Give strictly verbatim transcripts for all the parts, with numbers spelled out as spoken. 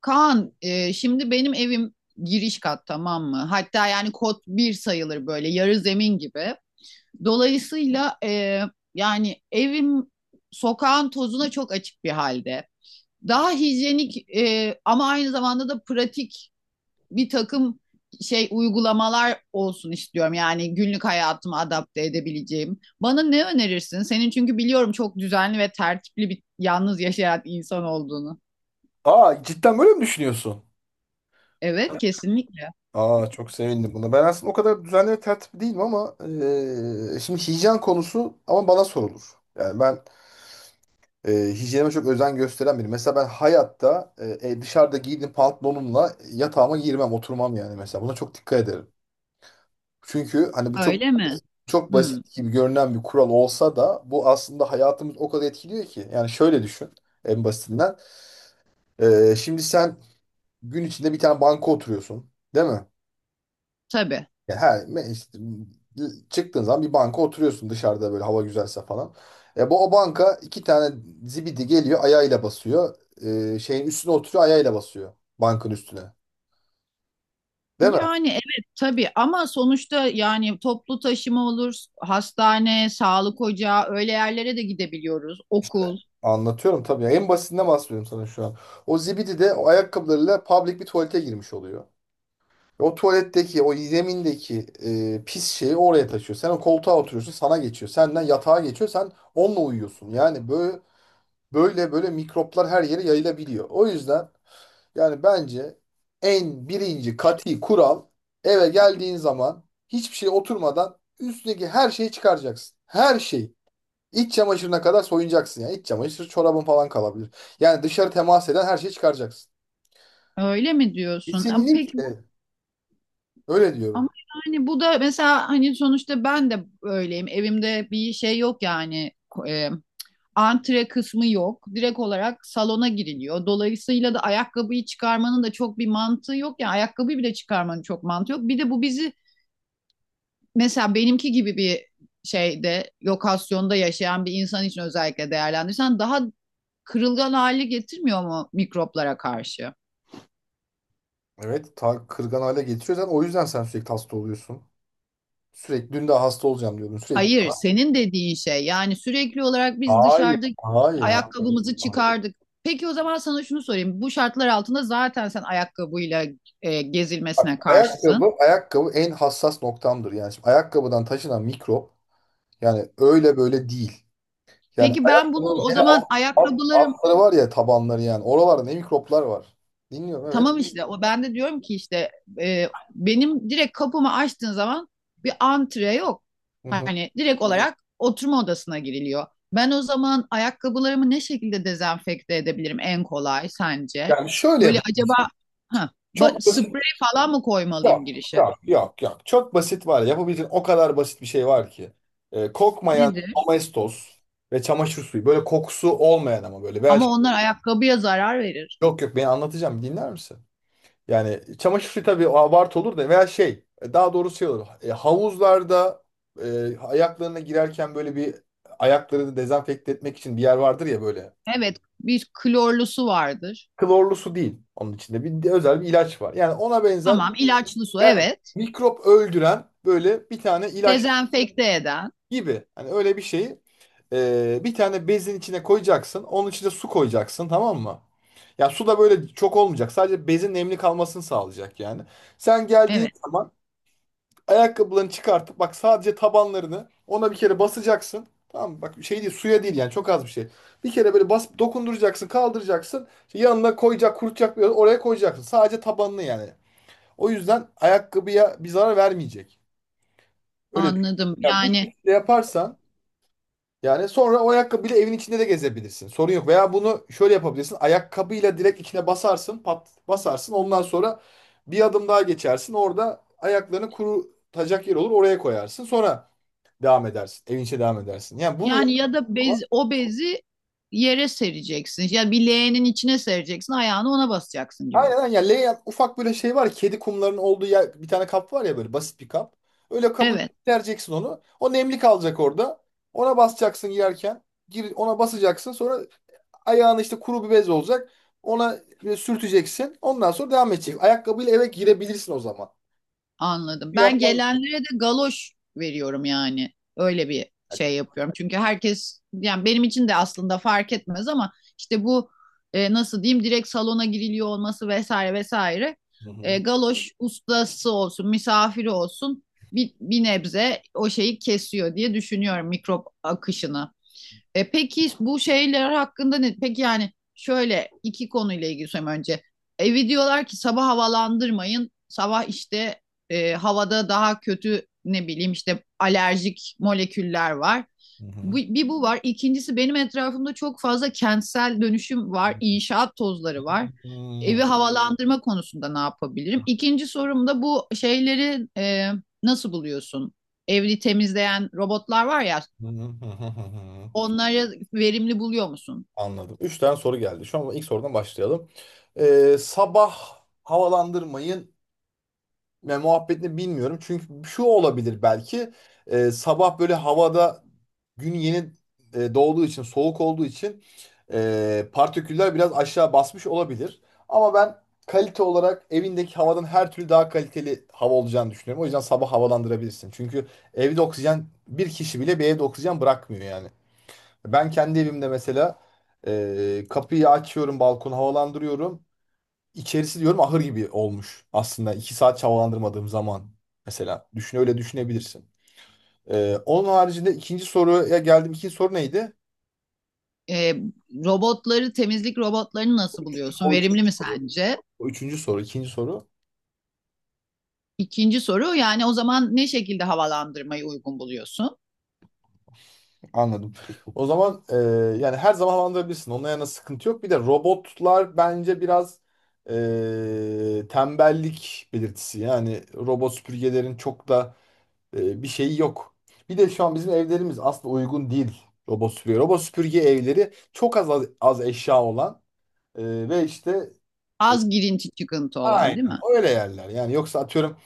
Kaan, e, şimdi benim evim giriş kat, tamam mı? Hatta yani kod bir sayılır, böyle yarı zemin gibi. Dolayısıyla e, yani evim sokağın tozuna çok açık bir halde. Daha hijyenik e, ama aynı zamanda da pratik bir takım şey uygulamalar olsun istiyorum. Yani günlük hayatıma adapte edebileceğim. Bana ne önerirsin? Senin çünkü biliyorum çok düzenli ve tertipli, bir yalnız yaşayan insan olduğunu. Aa cidden böyle mi düşünüyorsun? Evet, kesinlikle. Aa çok sevindim buna. Ben aslında o kadar düzenli ve tertipli değilim ama eee, şimdi hijyen konusu ama bana sorulur. Yani ben eee hijyenime çok özen gösteren biriyim. Mesela ben hayatta eee, e, dışarıda giydiğim pantolonumla yatağıma girmem, oturmam yani mesela. Buna çok dikkat ederim. Çünkü hani bu çok Öyle mi? çok Hmm, basit gibi görünen bir kural olsa da bu aslında hayatımız o kadar etkiliyor ki. Yani şöyle düşün en basitinden. Eee, şimdi sen gün içinde bir tane banka oturuyorsun, değil mi? tabii. Ya her me- işte, çıktığın zaman bir banka oturuyorsun dışarıda böyle hava güzelse falan. E, bu o banka iki tane zibidi geliyor ayağıyla basıyor. E, şeyin üstüne oturuyor ayağıyla basıyor. Bankın üstüne. Değil mi? Yani evet tabii, ama sonuçta yani toplu taşıma olur, hastane, sağlık ocağı, öyle yerlere de gidebiliyoruz, okul. Anlatıyorum tabii. ya. En basitinden bahsediyorum sana şu an. O zibidi de o ayakkabılarıyla public bir tuvalete girmiş oluyor. O tuvaletteki, o zemindeki e, pis şeyi oraya taşıyor. Sen o koltuğa oturuyorsun, sana geçiyor. Senden yatağa geçiyor, sen onunla uyuyorsun. Yani böyle böyle böyle mikroplar her yere yayılabiliyor. O yüzden yani bence en birinci kati kural eve geldiğin zaman hiçbir şey oturmadan üstündeki her şeyi çıkaracaksın. Her şeyi. İç çamaşırına kadar soyunacaksın yani. İç çamaşır çorabın falan kalabilir. Yani dışarı temas eden her şeyi çıkaracaksın. Öyle mi diyorsun? Ama peki bu- Kesinlikle. Öyle ama diyorum. yani bu da mesela hani sonuçta ben de öyleyim. Evimde bir şey yok yani, e, antre kısmı yok. Direkt olarak salona giriliyor. Dolayısıyla da ayakkabıyı çıkarmanın da çok bir mantığı yok. Yani ayakkabıyı bile çıkarmanın çok mantığı yok. Bir de bu bizi, mesela benimki gibi bir şeyde, lokasyonda yaşayan bir insan için özellikle değerlendirirsen, daha kırılgan hali getirmiyor mu mikroplara karşı? Evet, ta kırgan hale getiriyor. Zaten o yüzden sen sürekli hasta oluyorsun. Sürekli dün de hasta olacağım diyordun sürekli. Hayır, senin dediğin şey yani sürekli olarak biz Hayır. dışarıda işte Hayır. ha- ayakkabımızı çıkardık. Peki o zaman sana şunu sorayım. Bu şartlar altında zaten sen ayakkabıyla e, Bak, gezilmesine ayakkabı, karşısın. ayakkabı en hassas noktamdır. Yani şimdi ayakkabıdan taşınan mikrop. Yani öyle böyle değil. Yani Peki ben bunu ayaklarının o hele alt, zaman alt- ayakkabılarım. altları var ya tabanları yani. Oralarda ne mikroplar var. Dinliyorum evet. Tamam işte o ben de diyorum ki işte e, benim direkt kapımı açtığın zaman bir antre yok. Hı hı. Hani direkt olarak oturma odasına giriliyor. Ben o zaman ayakkabılarımı ne şekilde dezenfekte edebilirim en kolay sence? Yani şöyle Böyle yap- acaba ha, ba- Çok basit. sprey falan mı Yok, koymalıyım girişe? yok, yok, yok. Çok basit var. Yapabileceğin o kadar basit bir şey var ki. Ee, kokmayan Nedir? Domestos ve çamaşır suyu. Böyle kokusu olmayan ama böyle. Veya Ama şey- onlar ayakkabıya zarar verir. Yok, yok, beni anlatacağım. Dinler misin? Yani çamaşır suyu tabii abartı olur da veya şey e, daha doğrusu şey olur. E, Havuzlarda e, ayaklarına girerken böyle bir ayaklarını dezenfekte etmek için bir yer vardır ya böyle. Evet, bir klorlu su vardır. Klorlu su değil, onun içinde bir de özel bir ilaç var. Yani ona benzer Tamam, ilaçlı su yani evet. mikrop öldüren böyle bir tane ilaç Dezenfekte eden. gibi. Hani öyle bir şeyi e, bir tane bezin içine koyacaksın. Onun içine su koyacaksın, tamam mı? Ya su da böyle çok olmayacak. Sadece bezin nemli kalmasını sağlayacak yani. Sen geldiğin Evet, zaman ayakkabılarını çıkartıp bak sadece tabanlarını ona bir kere basacaksın. Tamam mı? Bak şey değil, suya değil yani, çok az bir şey. Bir kere böyle bas dokunduracaksın, kaldıracaksın. İşte yanına koyacak kurutacak bir oraya koyacaksın. Sadece tabanını yani. O yüzden ayakkabıya bir zarar vermeyecek. Öyle düşün. anladım. Ya bu Yani. şekilde yaparsan yani sonra o ayakkabıyla evin içinde de gezebilirsin. Sorun yok. Veya bunu şöyle yapabilirsin. Ayakkabıyla direkt içine basarsın, pat basarsın. Ondan sonra bir adım daha geçersin. Orada ayaklarını kurutacak yer olur. Oraya koyarsın. Sonra devam edersin. Evin içine devam edersin. Yani bunu Yani ya da bez, yapma. o bezi yere sereceksin. Ya bir leğenin içine sereceksin. Ayağını ona basacaksın gibi. Aynen, aynen. Yani layout ufak böyle şey var. Kedi kumlarının olduğu yer- Bir tane kap var ya böyle basit bir kap. Öyle kabın Evet, içine onu. O nemli kalacak orada. Ona basacaksın yerken. Gir, ona basacaksın. Sonra ayağını işte kuru bir bez olacak. Ona böyle sürteceksin. Ondan sonra devam edecek. Ayakkabıyla eve girebilirsin o zaman. anladım. Ben Yapman lazım. gelenlere de galoş veriyorum yani. Öyle bir şey yapıyorum. Çünkü herkes, yani benim için de aslında fark etmez ama işte bu, e, nasıl diyeyim, direkt salona giriliyor olması vesaire vesaire. Hı E, hı. galoş, ustası olsun, misafiri olsun, bir, bir nebze o şeyi kesiyor diye düşünüyorum, mikrop akışını. E, peki bu şeyler hakkında ne? Peki yani şöyle, iki konuyla ilgili söyleyeyim önce. Evi diyorlar ki sabah havalandırmayın. Sabah işte e, havada daha kötü, ne bileyim, işte alerjik moleküller var. Hı Bu, hı. bir bu var. İkincisi, benim etrafımda çok fazla kentsel dönüşüm var. İnşaat tozları var. Hı Evi Hmm. havalandırma konusunda ne yapabilirim? İkinci sorum da bu şeyleri e, nasıl buluyorsun? Evli temizleyen robotlar var ya, hı. Hı hı. onları verimli buluyor musun? Anladım. Üç tane soru geldi. Şu an ilk sorudan başlayalım. Ee, sabah havalandırmayın ve muhabbetini bilmiyorum. Çünkü şu olabilir belki. Ee, sabah böyle havada gün yeni e, doğduğu için, soğuk olduğu için e, partiküller biraz aşağı basmış olabilir. Ama ben kalite olarak evindeki havadan her türlü daha kaliteli hava olacağını düşünüyorum. O yüzden sabah havalandırabilirsin. Çünkü evde oksijen, bir kişi bile bir evde oksijen bırakmıyor yani. Ben kendi evimde mesela e, kapıyı açıyorum, balkonu havalandırıyorum. İçerisi diyorum ahır gibi olmuş aslında. iki saat havalandırmadığım zaman mesela. Düşün öyle düşünebilirsin. E, onun haricinde ikinci soruya geldim. İkinci soru neydi? Ee, robotları, temizlik robotlarını nasıl buluyorsun? O üçüncü Verimli mi soru. sence? O üçüncü soru, ikinci soru. İkinci soru yani, o zaman ne şekilde havalandırmayı uygun buluyorsun? Anladım. O zaman e, yani her zaman havalandırabilirsin. Onunla yana sıkıntı yok. Bir de robotlar bence biraz e, tembellik belirtisi. Yani robot süpürgelerin çok da e, bir şey yok. Bir de şu an bizim evlerimiz aslında uygun değil robot süpürge. Robot süpürge evleri çok az az, az eşya olan e, ve işte e, Az girinti çıkıntı olan değil aynen mi? öyle yerler. Yani yoksa atıyorum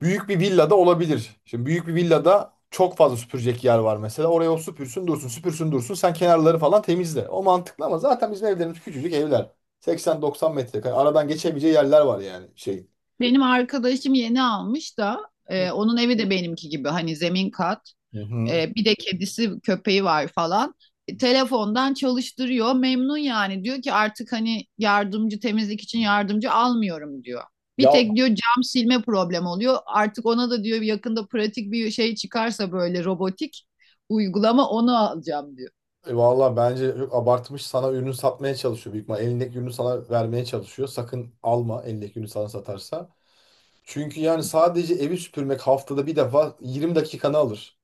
büyük bir villada olabilir. Şimdi büyük bir villada çok fazla süpürecek yer var mesela. Oraya o süpürsün dursun, süpürsün dursun. Sen kenarları falan temizle. O mantıklı ama zaten bizim evlerimiz küçücük evler. seksen doksan metrekare. Aradan geçebileceği yerler var yani şey. Benim arkadaşım yeni almış da e, onun evi de benimki gibi, hani zemin kat. Hı hı. Ee, bir de kedisi, köpeği var falan. E, telefondan çalıştırıyor. Memnun yani. Diyor ki artık hani yardımcı, temizlik için yardımcı almıyorum diyor. Bir Ya tek diyor cam silme problemi oluyor. Artık ona da diyor, yakında pratik bir şey çıkarsa böyle robotik uygulama, onu alacağım diyor. E, Valla bence çok abartmış. Sana ürünü satmaya çalışıyor büyük ihtimalle. Elindeki ürünü sana vermeye çalışıyor. Sakın alma elindeki ürünü sana satarsa. Çünkü yani sadece evi süpürmek haftada bir defa yirmi dakikanı alır.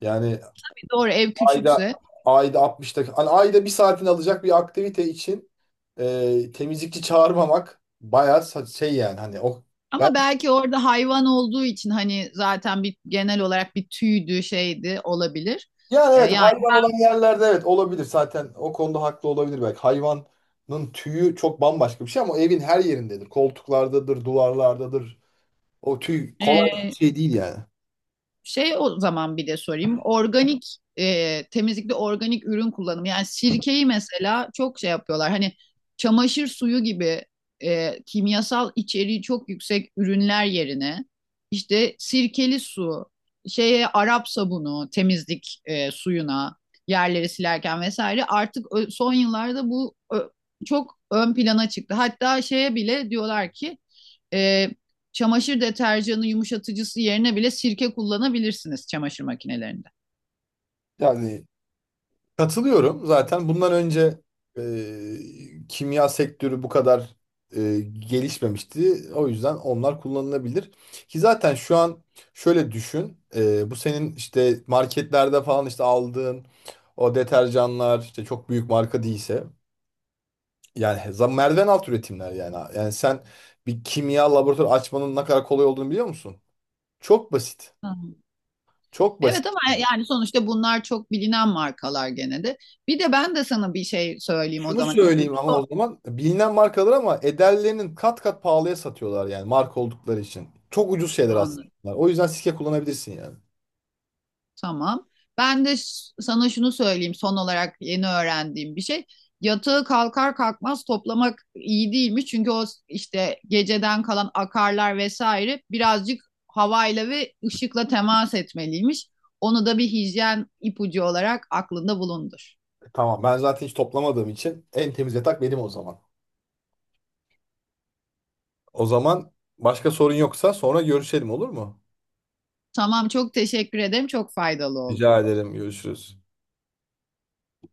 Yani Doğru, ev ayda küçükse ayda altmış dakika. Hani ayda bir saatini alacak bir aktivite için e, temizlikçi çağırmamak bayağı sa- şey yani hani o. ama belki orada hayvan olduğu için hani zaten bir genel olarak bir tüydü şeydi olabilir. Yani E, evet, yani hayvan olan yerlerde evet olabilir, zaten o konuda haklı olabilir belki. Hayvanın tüyü çok bambaşka bir şey ama evin her yerindedir. Koltuklardadır, duvarlardadır. O tüy kolay bir e, şey değil yani. şey, o zaman bir de sorayım. Organik, e, temizlikte organik ürün kullanımı. Yani sirkeyi mesela çok şey yapıyorlar. Hani çamaşır suyu gibi e, kimyasal içeriği çok yüksek ürünler yerine işte sirkeli su, şeye Arap sabunu, temizlik e, suyuna yerleri silerken vesaire, artık ö- son yıllarda bu ö- çok ön plana çıktı. Hatta şeye bile diyorlar ki e, çamaşır deterjanı yumuşatıcısı yerine bile sirke kullanabilirsiniz, çamaşır makinelerinde. Yani katılıyorum, zaten bundan önce e, kimya sektörü bu kadar e, gelişmemişti. O yüzden onlar kullanılabilir. Ki zaten şu an şöyle düşün, e, bu senin işte marketlerde falan işte aldığın o deterjanlar işte çok büyük marka değilse, yani za- merdiven alt üretimler yani. Yani sen bir kimya laboratuvarı açmanın ne kadar kolay olduğunu biliyor musun? Çok basit. Hı. Hı. Çok basit. Evet ama e, yani sonuçta bunlar çok bilinen markalar gene de. Bir de ben de sana bir şey söyleyeyim o Şunu zaman, ipucu söyleyeyim ama son o zaman, bilinen markalar ama ederlerinin kat kat pahalıya satıyorlar yani marka oldukları için. Çok ucuz şeyler aslında. anı. O yüzden sike kullanabilirsin yani. Tamam. Ben de ş- sana şunu söyleyeyim son olarak, yeni öğrendiğim bir şey. Yatağı kalkar kalkmaz toplamak iyi değilmiş. Çünkü o s- işte geceden kalan akarlar vesaire birazcık havayla ve ışıkla temas etmeliymiş. Onu da bir hijyen ipucu olarak aklında bulundur. E, Tamam, ben zaten hiç toplamadığım için en temiz yatak benim o zaman. O zaman başka sorun yoksa sonra görüşelim, olur mu? Tamam, çok teşekkür ederim. Çok faydalı oldu. Rica ederim, görüşürüz.